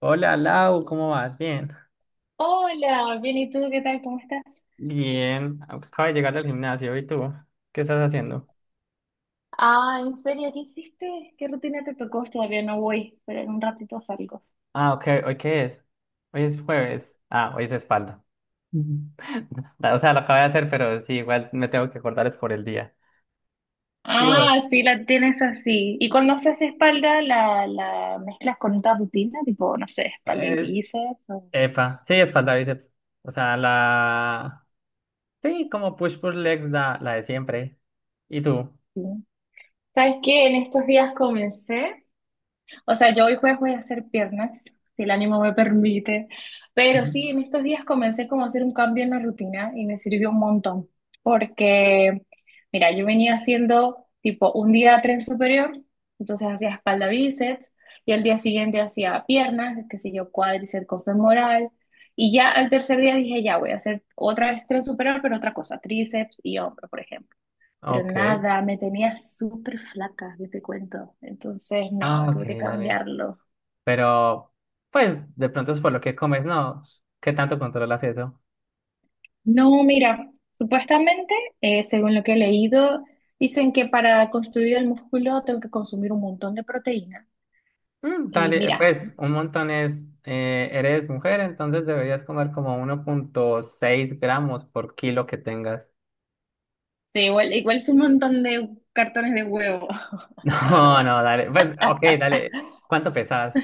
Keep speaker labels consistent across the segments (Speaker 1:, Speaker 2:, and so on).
Speaker 1: Hola Lau, ¿cómo vas? Bien.
Speaker 2: Hola, bien, ¿y tú qué tal? ¿Cómo estás?
Speaker 1: Bien, acabo de llegar al gimnasio. ¿Y tú? ¿Qué estás haciendo?
Speaker 2: Ah, ¿en serio? ¿Qué hiciste? ¿Qué rutina te tocó? Todavía no voy, pero en un ratito salgo.
Speaker 1: Ah, ok, ¿hoy qué es? Hoy es jueves. Ah, hoy es espalda. Ujú. O sea, lo acabo de hacer, pero sí, igual me tengo que acordar es por el día. ¿Y vos?
Speaker 2: Ah, sí, la tienes así. ¿Y cuando haces espalda, la mezclas con otra rutina? Tipo, no sé, espalda y
Speaker 1: Eh,
Speaker 2: bíceps.
Speaker 1: epa, sí, espalda, bíceps. O sea, Sí, como push legs, la de siempre. ¿Y tú?
Speaker 2: Sí. ¿Sabes qué? En estos días comencé. O sea, yo hoy jueves voy a hacer piernas, si el ánimo me permite. Pero
Speaker 1: Ujú.
Speaker 2: sí, en estos días comencé como a hacer un cambio en la rutina y me sirvió un montón. Porque, mira, yo venía haciendo tipo un día tren superior, entonces hacía espalda bíceps, y al día siguiente hacía piernas, qué sé yo, cuádriceps con femoral. Y ya al tercer día dije, ya voy a hacer otra vez tren superior, pero otra cosa, tríceps y hombro, por ejemplo. Pero
Speaker 1: Ok.
Speaker 2: nada, me tenía súper flaca, yo te cuento. Entonces,
Speaker 1: Ah,
Speaker 2: no,
Speaker 1: ok,
Speaker 2: tuve que
Speaker 1: dale.
Speaker 2: cambiarlo.
Speaker 1: Pero, pues, de pronto es por lo que comes, ¿no? ¿Qué tanto controlas eso?
Speaker 2: No, mira, supuestamente, según lo que he leído, dicen que para construir el músculo tengo que consumir un montón de proteína.
Speaker 1: Mm,
Speaker 2: Y
Speaker 1: dale,
Speaker 2: mira,
Speaker 1: pues un montón es, eres mujer, entonces deberías comer como 1,6 gramos por kilo que tengas.
Speaker 2: sí, igual es un montón de cartones de huevo, la
Speaker 1: No,
Speaker 2: verdad.
Speaker 1: no, dale, pues ok, dale, ¿cuánto pesas?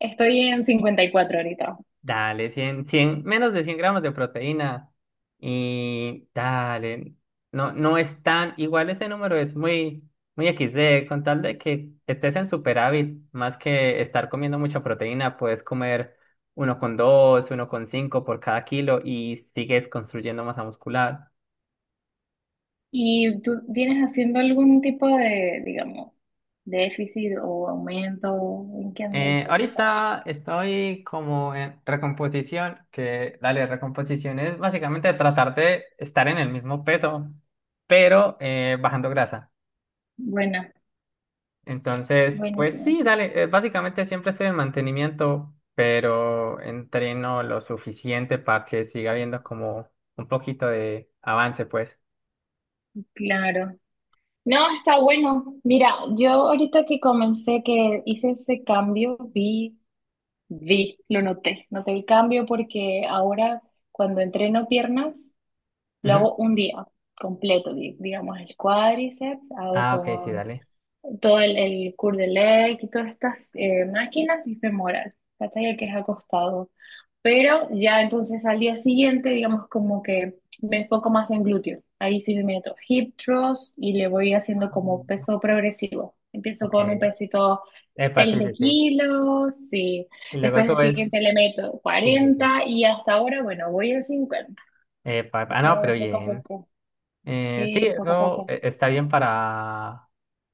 Speaker 2: Estoy en 54 ahorita.
Speaker 1: Dale, 100, 100, menos de 100 gramos de proteína. Y dale, no, no es tan, igual ese número es muy, muy XD, con tal de que estés en superávit, más que estar comiendo mucha proteína, puedes comer uno con dos, 1,5 por cada kilo y sigues construyendo masa muscular.
Speaker 2: ¿Y tú vienes haciendo algún tipo de, digamos, déficit o aumento? ¿En qué andáis
Speaker 1: Eh,
Speaker 2: ahorita?
Speaker 1: ahorita estoy como en recomposición, que dale, recomposición es básicamente tratar de estar en el mismo peso, pero bajando grasa.
Speaker 2: Buena,
Speaker 1: Entonces, pues
Speaker 2: buenísimo.
Speaker 1: sí, dale, básicamente siempre estoy en mantenimiento, pero entreno lo suficiente para que siga habiendo como un poquito de avance, pues.
Speaker 2: Claro. No, está bueno. Mira, yo ahorita que comencé, que hice ese cambio, vi, lo noté el cambio porque ahora cuando entreno piernas lo
Speaker 1: Ujú.
Speaker 2: hago un día completo, digamos el cuádriceps, hago
Speaker 1: Ah, ok, sí,
Speaker 2: con
Speaker 1: dale.
Speaker 2: todo el Cours de Lec y todas estas máquinas y femoral, ¿cachai? El que es acostado. Pero ya entonces al día siguiente, digamos como que me enfoco más en glúteo. Ahí sí me meto hip thrust y le voy haciendo como
Speaker 1: Mm,
Speaker 2: peso progresivo. Empiezo con un
Speaker 1: ok.
Speaker 2: pesito
Speaker 1: Epa, sí,
Speaker 2: 20
Speaker 1: sí, sí.
Speaker 2: kilos y
Speaker 1: Y luego
Speaker 2: después el
Speaker 1: subes.
Speaker 2: siguiente le meto
Speaker 1: Sí, sí, sí.
Speaker 2: 40 y hasta ahora, bueno, voy a 50.
Speaker 1: Epa,
Speaker 2: Así
Speaker 1: ah,
Speaker 2: que
Speaker 1: no, pero
Speaker 2: poco a
Speaker 1: bien.
Speaker 2: poco,
Speaker 1: Sí,
Speaker 2: sí, poco a
Speaker 1: eso
Speaker 2: poco.
Speaker 1: está bien para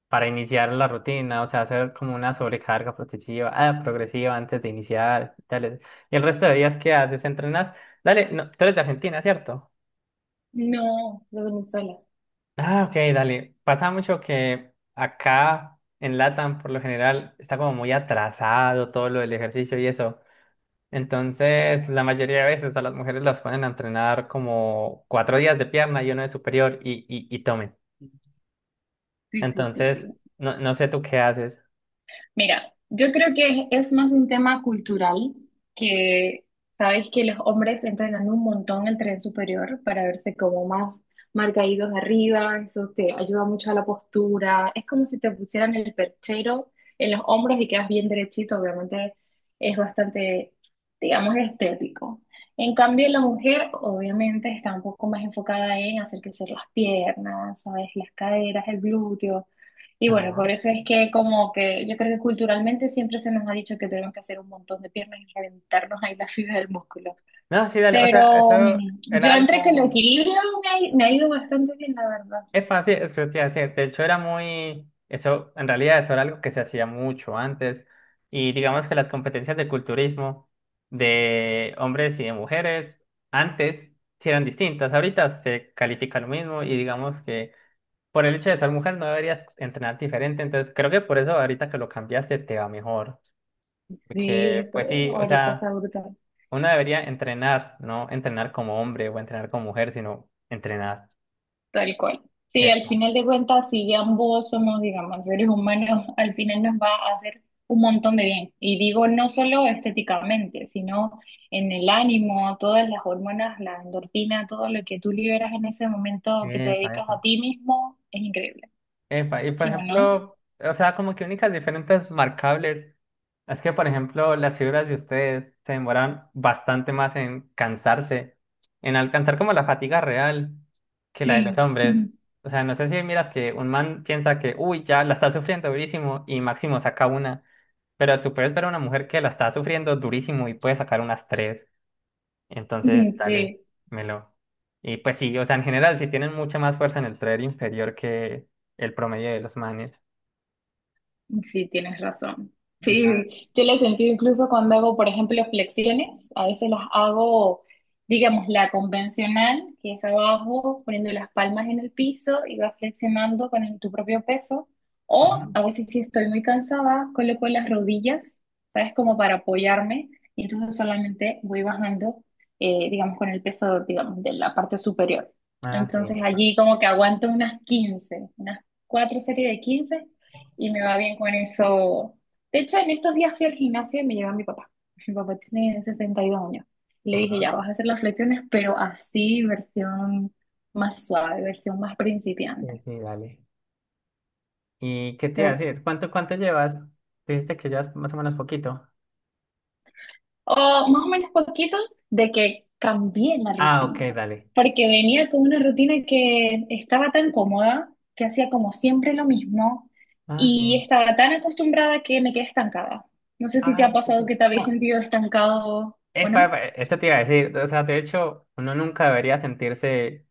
Speaker 1: para iniciar la rutina, o sea, hacer como una sobrecarga progresiva antes de iniciar, dale. Y el resto de días que haces, entrenas, dale, no, tú eres de Argentina, ¿cierto?
Speaker 2: No, lo de Venezuela.
Speaker 1: Ah, ok, dale. Pasa mucho que acá en LATAM, por lo general, está como muy atrasado todo lo del ejercicio y eso. Entonces, la mayoría de veces a las mujeres las ponen a entrenar como 4 días de pierna y uno de superior y tomen.
Speaker 2: Sí, sí, sí, sí.
Speaker 1: Entonces, no, no sé tú qué haces.
Speaker 2: Mira, yo creo que es, más un tema cultural que sabes que los hombres entrenan un montón el tren superior para verse como más marcaídos arriba, eso te ayuda mucho a la postura, es como si te pusieran el perchero en los hombros y quedas bien derechito, obviamente es bastante, digamos, estético. En cambio, la mujer obviamente está un poco más enfocada en hacer crecer las piernas, sabes, las caderas, el glúteo. Y bueno,
Speaker 1: Ajá.
Speaker 2: por eso es que como que yo creo que culturalmente siempre se nos ha dicho que tenemos que hacer un montón de piernas y reventarnos ahí la fibra del músculo.
Speaker 1: No, sí, dale, o sea, eso
Speaker 2: Pero yo
Speaker 1: era
Speaker 2: entre que lo
Speaker 1: algo,
Speaker 2: equilibrio me ha ido bastante bien, la verdad.
Speaker 1: es fácil, es que te iba a decir, de hecho era muy, eso, en realidad eso era algo que se hacía mucho antes, y digamos que las competencias de culturismo de hombres y de mujeres antes sí eran distintas, ahorita se califica lo mismo, y digamos que por el hecho de ser mujer no deberías entrenar diferente, entonces creo que por eso ahorita que lo cambiaste te va mejor,
Speaker 2: Sí,
Speaker 1: porque
Speaker 2: eso
Speaker 1: pues sí, o
Speaker 2: ahorita está
Speaker 1: sea,
Speaker 2: brutal.
Speaker 1: uno debería entrenar, no entrenar como hombre o entrenar como mujer, sino entrenar.
Speaker 2: Tal cual. Sí, al
Speaker 1: Epa,
Speaker 2: final de cuentas, si ambos somos, digamos, seres humanos, al final nos va a hacer un montón de bien. Y digo, no solo estéticamente, sino en el ánimo, todas las hormonas, la endorfina, todo lo que tú liberas en ese momento que te
Speaker 1: epa,
Speaker 2: dedicas a
Speaker 1: epa.
Speaker 2: ti mismo, es increíble.
Speaker 1: Epa, y por
Speaker 2: ¿Sí o no?
Speaker 1: ejemplo, o sea, como que únicas diferentes marcables es que, por ejemplo, las figuras de ustedes se demoran bastante más en cansarse, en alcanzar como la fatiga real que la de los
Speaker 2: Sí.
Speaker 1: hombres. O sea, no sé si miras que un man piensa que, uy, ya la está sufriendo durísimo y máximo saca una, pero tú puedes ver a una mujer que la está sufriendo durísimo y puede sacar unas tres. Entonces, dale,
Speaker 2: Sí.
Speaker 1: melo. Y pues sí, o sea, en general, sí tienen mucha más fuerza en el tren inferior que el promedio de los manes.
Speaker 2: Sí, tienes razón.
Speaker 1: Ah,
Speaker 2: Sí, yo la he sentido incluso cuando hago, por ejemplo, flexiones. A veces las hago, digamos, la convencional, que es abajo, poniendo las palmas en el piso y vas flexionando con tu propio peso. O
Speaker 1: ujú.
Speaker 2: a veces si estoy muy cansada, coloco las rodillas, ¿sabes? Como para apoyarme. Y entonces solamente voy bajando, digamos, con el peso, digamos, de la parte superior.
Speaker 1: Ah, sí,
Speaker 2: Entonces
Speaker 1: ya está.
Speaker 2: allí como que aguanto unas 15, unas cuatro series de 15 y me va bien con eso. De hecho, en estos días fui al gimnasio y me llevó a mi papá. Mi papá tiene 62 años. Y le dije,
Speaker 1: Ajá.
Speaker 2: ya vas a hacer las flexiones, pero así, versión más suave, versión más
Speaker 1: Sí,
Speaker 2: principiante.
Speaker 1: sí, dale. ¿Y qué te
Speaker 2: De
Speaker 1: iba a
Speaker 2: ver-
Speaker 1: decir? ¿Cuánto llevas? Dijiste que llevas más o menos poquito.
Speaker 2: O más o menos poquito de que cambié la
Speaker 1: Ah,
Speaker 2: rutina.
Speaker 1: ok, dale.
Speaker 2: Porque venía con una rutina que estaba tan cómoda, que hacía como siempre lo mismo,
Speaker 1: Ah,
Speaker 2: y
Speaker 1: sí.
Speaker 2: estaba tan acostumbrada que me quedé estancada. No sé si te
Speaker 1: Ah,
Speaker 2: ha
Speaker 1: sí, sí.
Speaker 2: pasado que te habéis
Speaker 1: Ah,
Speaker 2: sentido estancado o
Speaker 1: epa,
Speaker 2: no.
Speaker 1: epa, esto te iba a decir. O sea, de hecho, uno nunca debería sentirse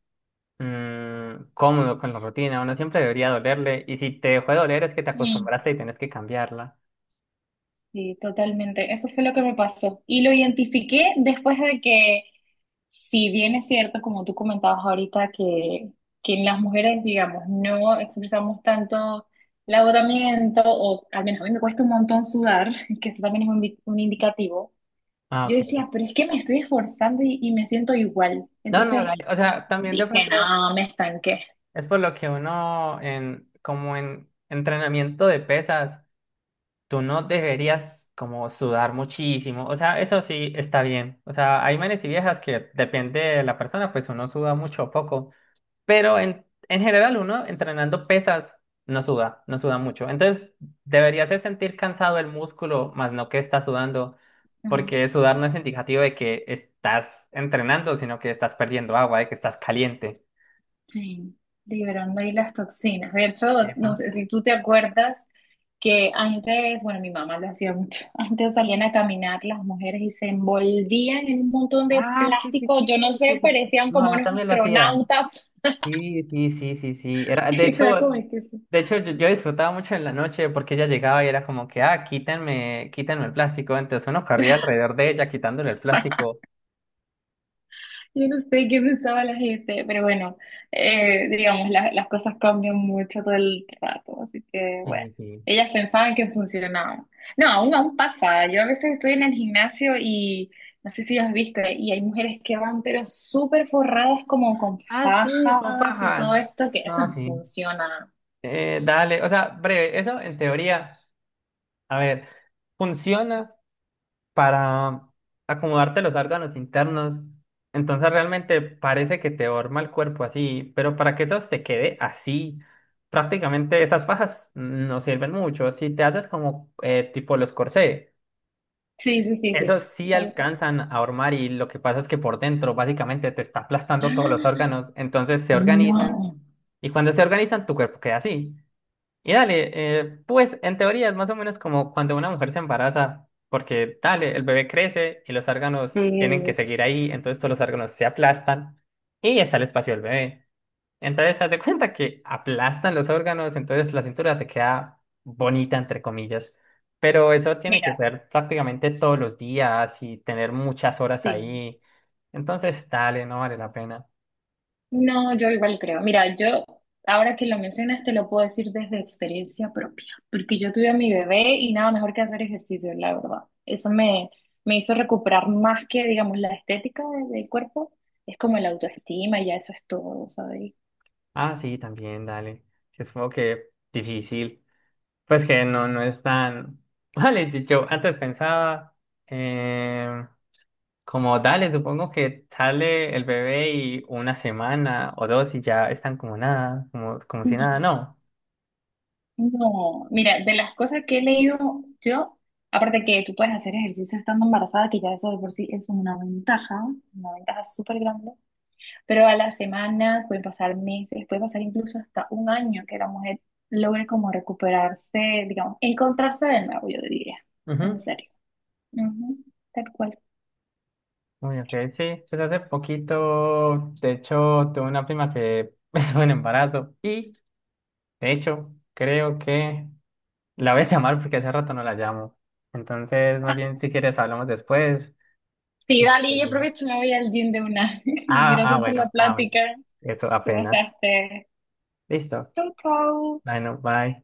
Speaker 1: cómodo con la rutina. Uno siempre debería dolerle. Y si te dejó de doler es que te
Speaker 2: Mm.
Speaker 1: acostumbraste y tenés que cambiarla.
Speaker 2: Sí, totalmente. Eso fue lo que me pasó. Y lo identifiqué después de que, si bien es cierto, como tú comentabas ahorita, que en las mujeres, digamos, no expresamos tanto el agotamiento, o al menos a mí me cuesta un montón sudar, que eso también es un, un indicativo.
Speaker 1: Ah,
Speaker 2: Yo
Speaker 1: ok.
Speaker 2: decía, pero es que me estoy esforzando y me siento igual.
Speaker 1: No, no,
Speaker 2: Entonces
Speaker 1: dale. O sea, también de
Speaker 2: dije,
Speaker 1: pronto
Speaker 2: no, me estanqué.
Speaker 1: es por lo que uno en, como en entrenamiento de pesas, tú no deberías como sudar muchísimo. O sea, eso sí está bien. O sea, hay manes y viejas que depende de la persona, pues uno suda mucho o poco. Pero en general uno entrenando pesas no suda, no suda mucho. Entonces deberías de sentir cansado el músculo, más no que estás sudando, porque sudar no es indicativo de que estás entrenando, sino que estás perdiendo agua, de que estás caliente.
Speaker 2: Sí, liberando ahí las toxinas. De hecho,
Speaker 1: Epa.
Speaker 2: no sé si tú te acuerdas que antes, bueno, mi mamá lo hacía mucho, antes salían a caminar las mujeres y se envolvían en un montón de
Speaker 1: Ah, sí, sí,
Speaker 2: plástico,
Speaker 1: sí,
Speaker 2: yo no
Speaker 1: sí,
Speaker 2: sé,
Speaker 1: sí.
Speaker 2: parecían
Speaker 1: Mi
Speaker 2: como
Speaker 1: mamá
Speaker 2: unos
Speaker 1: también lo hacía.
Speaker 2: astronautas.
Speaker 1: Sí, sí, sí, sí, sí. Era, de hecho,
Speaker 2: Era como que sí.
Speaker 1: de hecho yo disfrutaba mucho en la noche porque ella llegaba y era como que, ah, quítenme, quítenme el plástico. Entonces uno corría alrededor de ella quitándole el plástico.
Speaker 2: Yo no sé qué pensaba la gente, pero bueno, digamos, las cosas cambian mucho todo el rato, así que bueno,
Speaker 1: Sí, sí.
Speaker 2: ellas pensaban que funcionaba. No, aún pasa, yo a veces estoy en el gimnasio y no sé si has visto, y hay mujeres que van pero súper forradas como con
Speaker 1: Ah, sí, con
Speaker 2: fajas y
Speaker 1: pajas.
Speaker 2: todo esto, que eso
Speaker 1: No,
Speaker 2: no
Speaker 1: sí.
Speaker 2: funciona.
Speaker 1: Dale, o sea, breve, eso en teoría, a ver, funciona para acomodarte los órganos internos, entonces realmente parece que te forma el cuerpo así, pero para que eso se quede así, prácticamente esas fajas no sirven mucho. Si te haces como tipo los corsés,
Speaker 2: Sí, sí, sí, sí,
Speaker 1: esos sí
Speaker 2: tal cual.
Speaker 1: alcanzan a hormar y lo que pasa es que por dentro básicamente te está aplastando todos los órganos, entonces se organizan.
Speaker 2: No.
Speaker 1: Y cuando se organizan, tu cuerpo queda así. Y dale, pues en teoría es más o menos como cuando una mujer se embaraza, porque dale, el bebé crece y los órganos tienen que
Speaker 2: Sí.
Speaker 1: seguir ahí, entonces todos los órganos se aplastan y está el espacio del bebé. Entonces, haz de cuenta que aplastan los órganos, entonces la cintura te queda bonita, entre comillas. Pero eso tiene que
Speaker 2: Mira,
Speaker 1: ser prácticamente todos los días y tener muchas horas
Speaker 2: sí.
Speaker 1: ahí. Entonces, dale, no vale la pena.
Speaker 2: No, yo igual creo. Mira, yo ahora que lo mencionas te lo puedo decir desde experiencia propia, porque yo tuve a mi bebé y nada mejor que hacer ejercicio, la verdad. Eso me, me hizo recuperar más que, digamos, la estética del cuerpo, es como la autoestima y ya eso es todo, ¿sabes?
Speaker 1: Ah, sí, también, dale. Sí, es como que difícil. Pues que no, no es tan. Vale, yo antes pensaba, eh, como dale, supongo que sale el bebé y una semana o dos y ya están como nada, como si
Speaker 2: No,
Speaker 1: nada, no.
Speaker 2: no. Mira, de las cosas que he leído yo, aparte que tú puedes hacer ejercicio estando embarazada, que ya eso de por sí es una ventaja súper grande. Pero a la semana pueden pasar meses, puede pasar incluso hasta un año que la mujer logre como recuperarse, digamos, encontrarse de nuevo, yo diría, en
Speaker 1: Ujú.
Speaker 2: serio. Ujú, tal cual.
Speaker 1: Uy, ok, sí. Pues hace poquito, de hecho, tuve una prima que estuvo en embarazo y, de hecho, creo que la voy a llamar porque hace rato no la llamo. Entonces, más
Speaker 2: Ah,
Speaker 1: bien, si quieres, hablamos después.
Speaker 2: sí,
Speaker 1: Sí,
Speaker 2: dali, yo
Speaker 1: seguimos.
Speaker 2: aprovecho y me voy al gym de una.
Speaker 1: Ah, ah,
Speaker 2: Gracias por
Speaker 1: bueno,
Speaker 2: la
Speaker 1: ah, bueno.
Speaker 2: plática.
Speaker 1: Eso
Speaker 2: Te
Speaker 1: apenas.
Speaker 2: besaste.
Speaker 1: Listo.
Speaker 2: Chau, chau.
Speaker 1: Bueno, bye.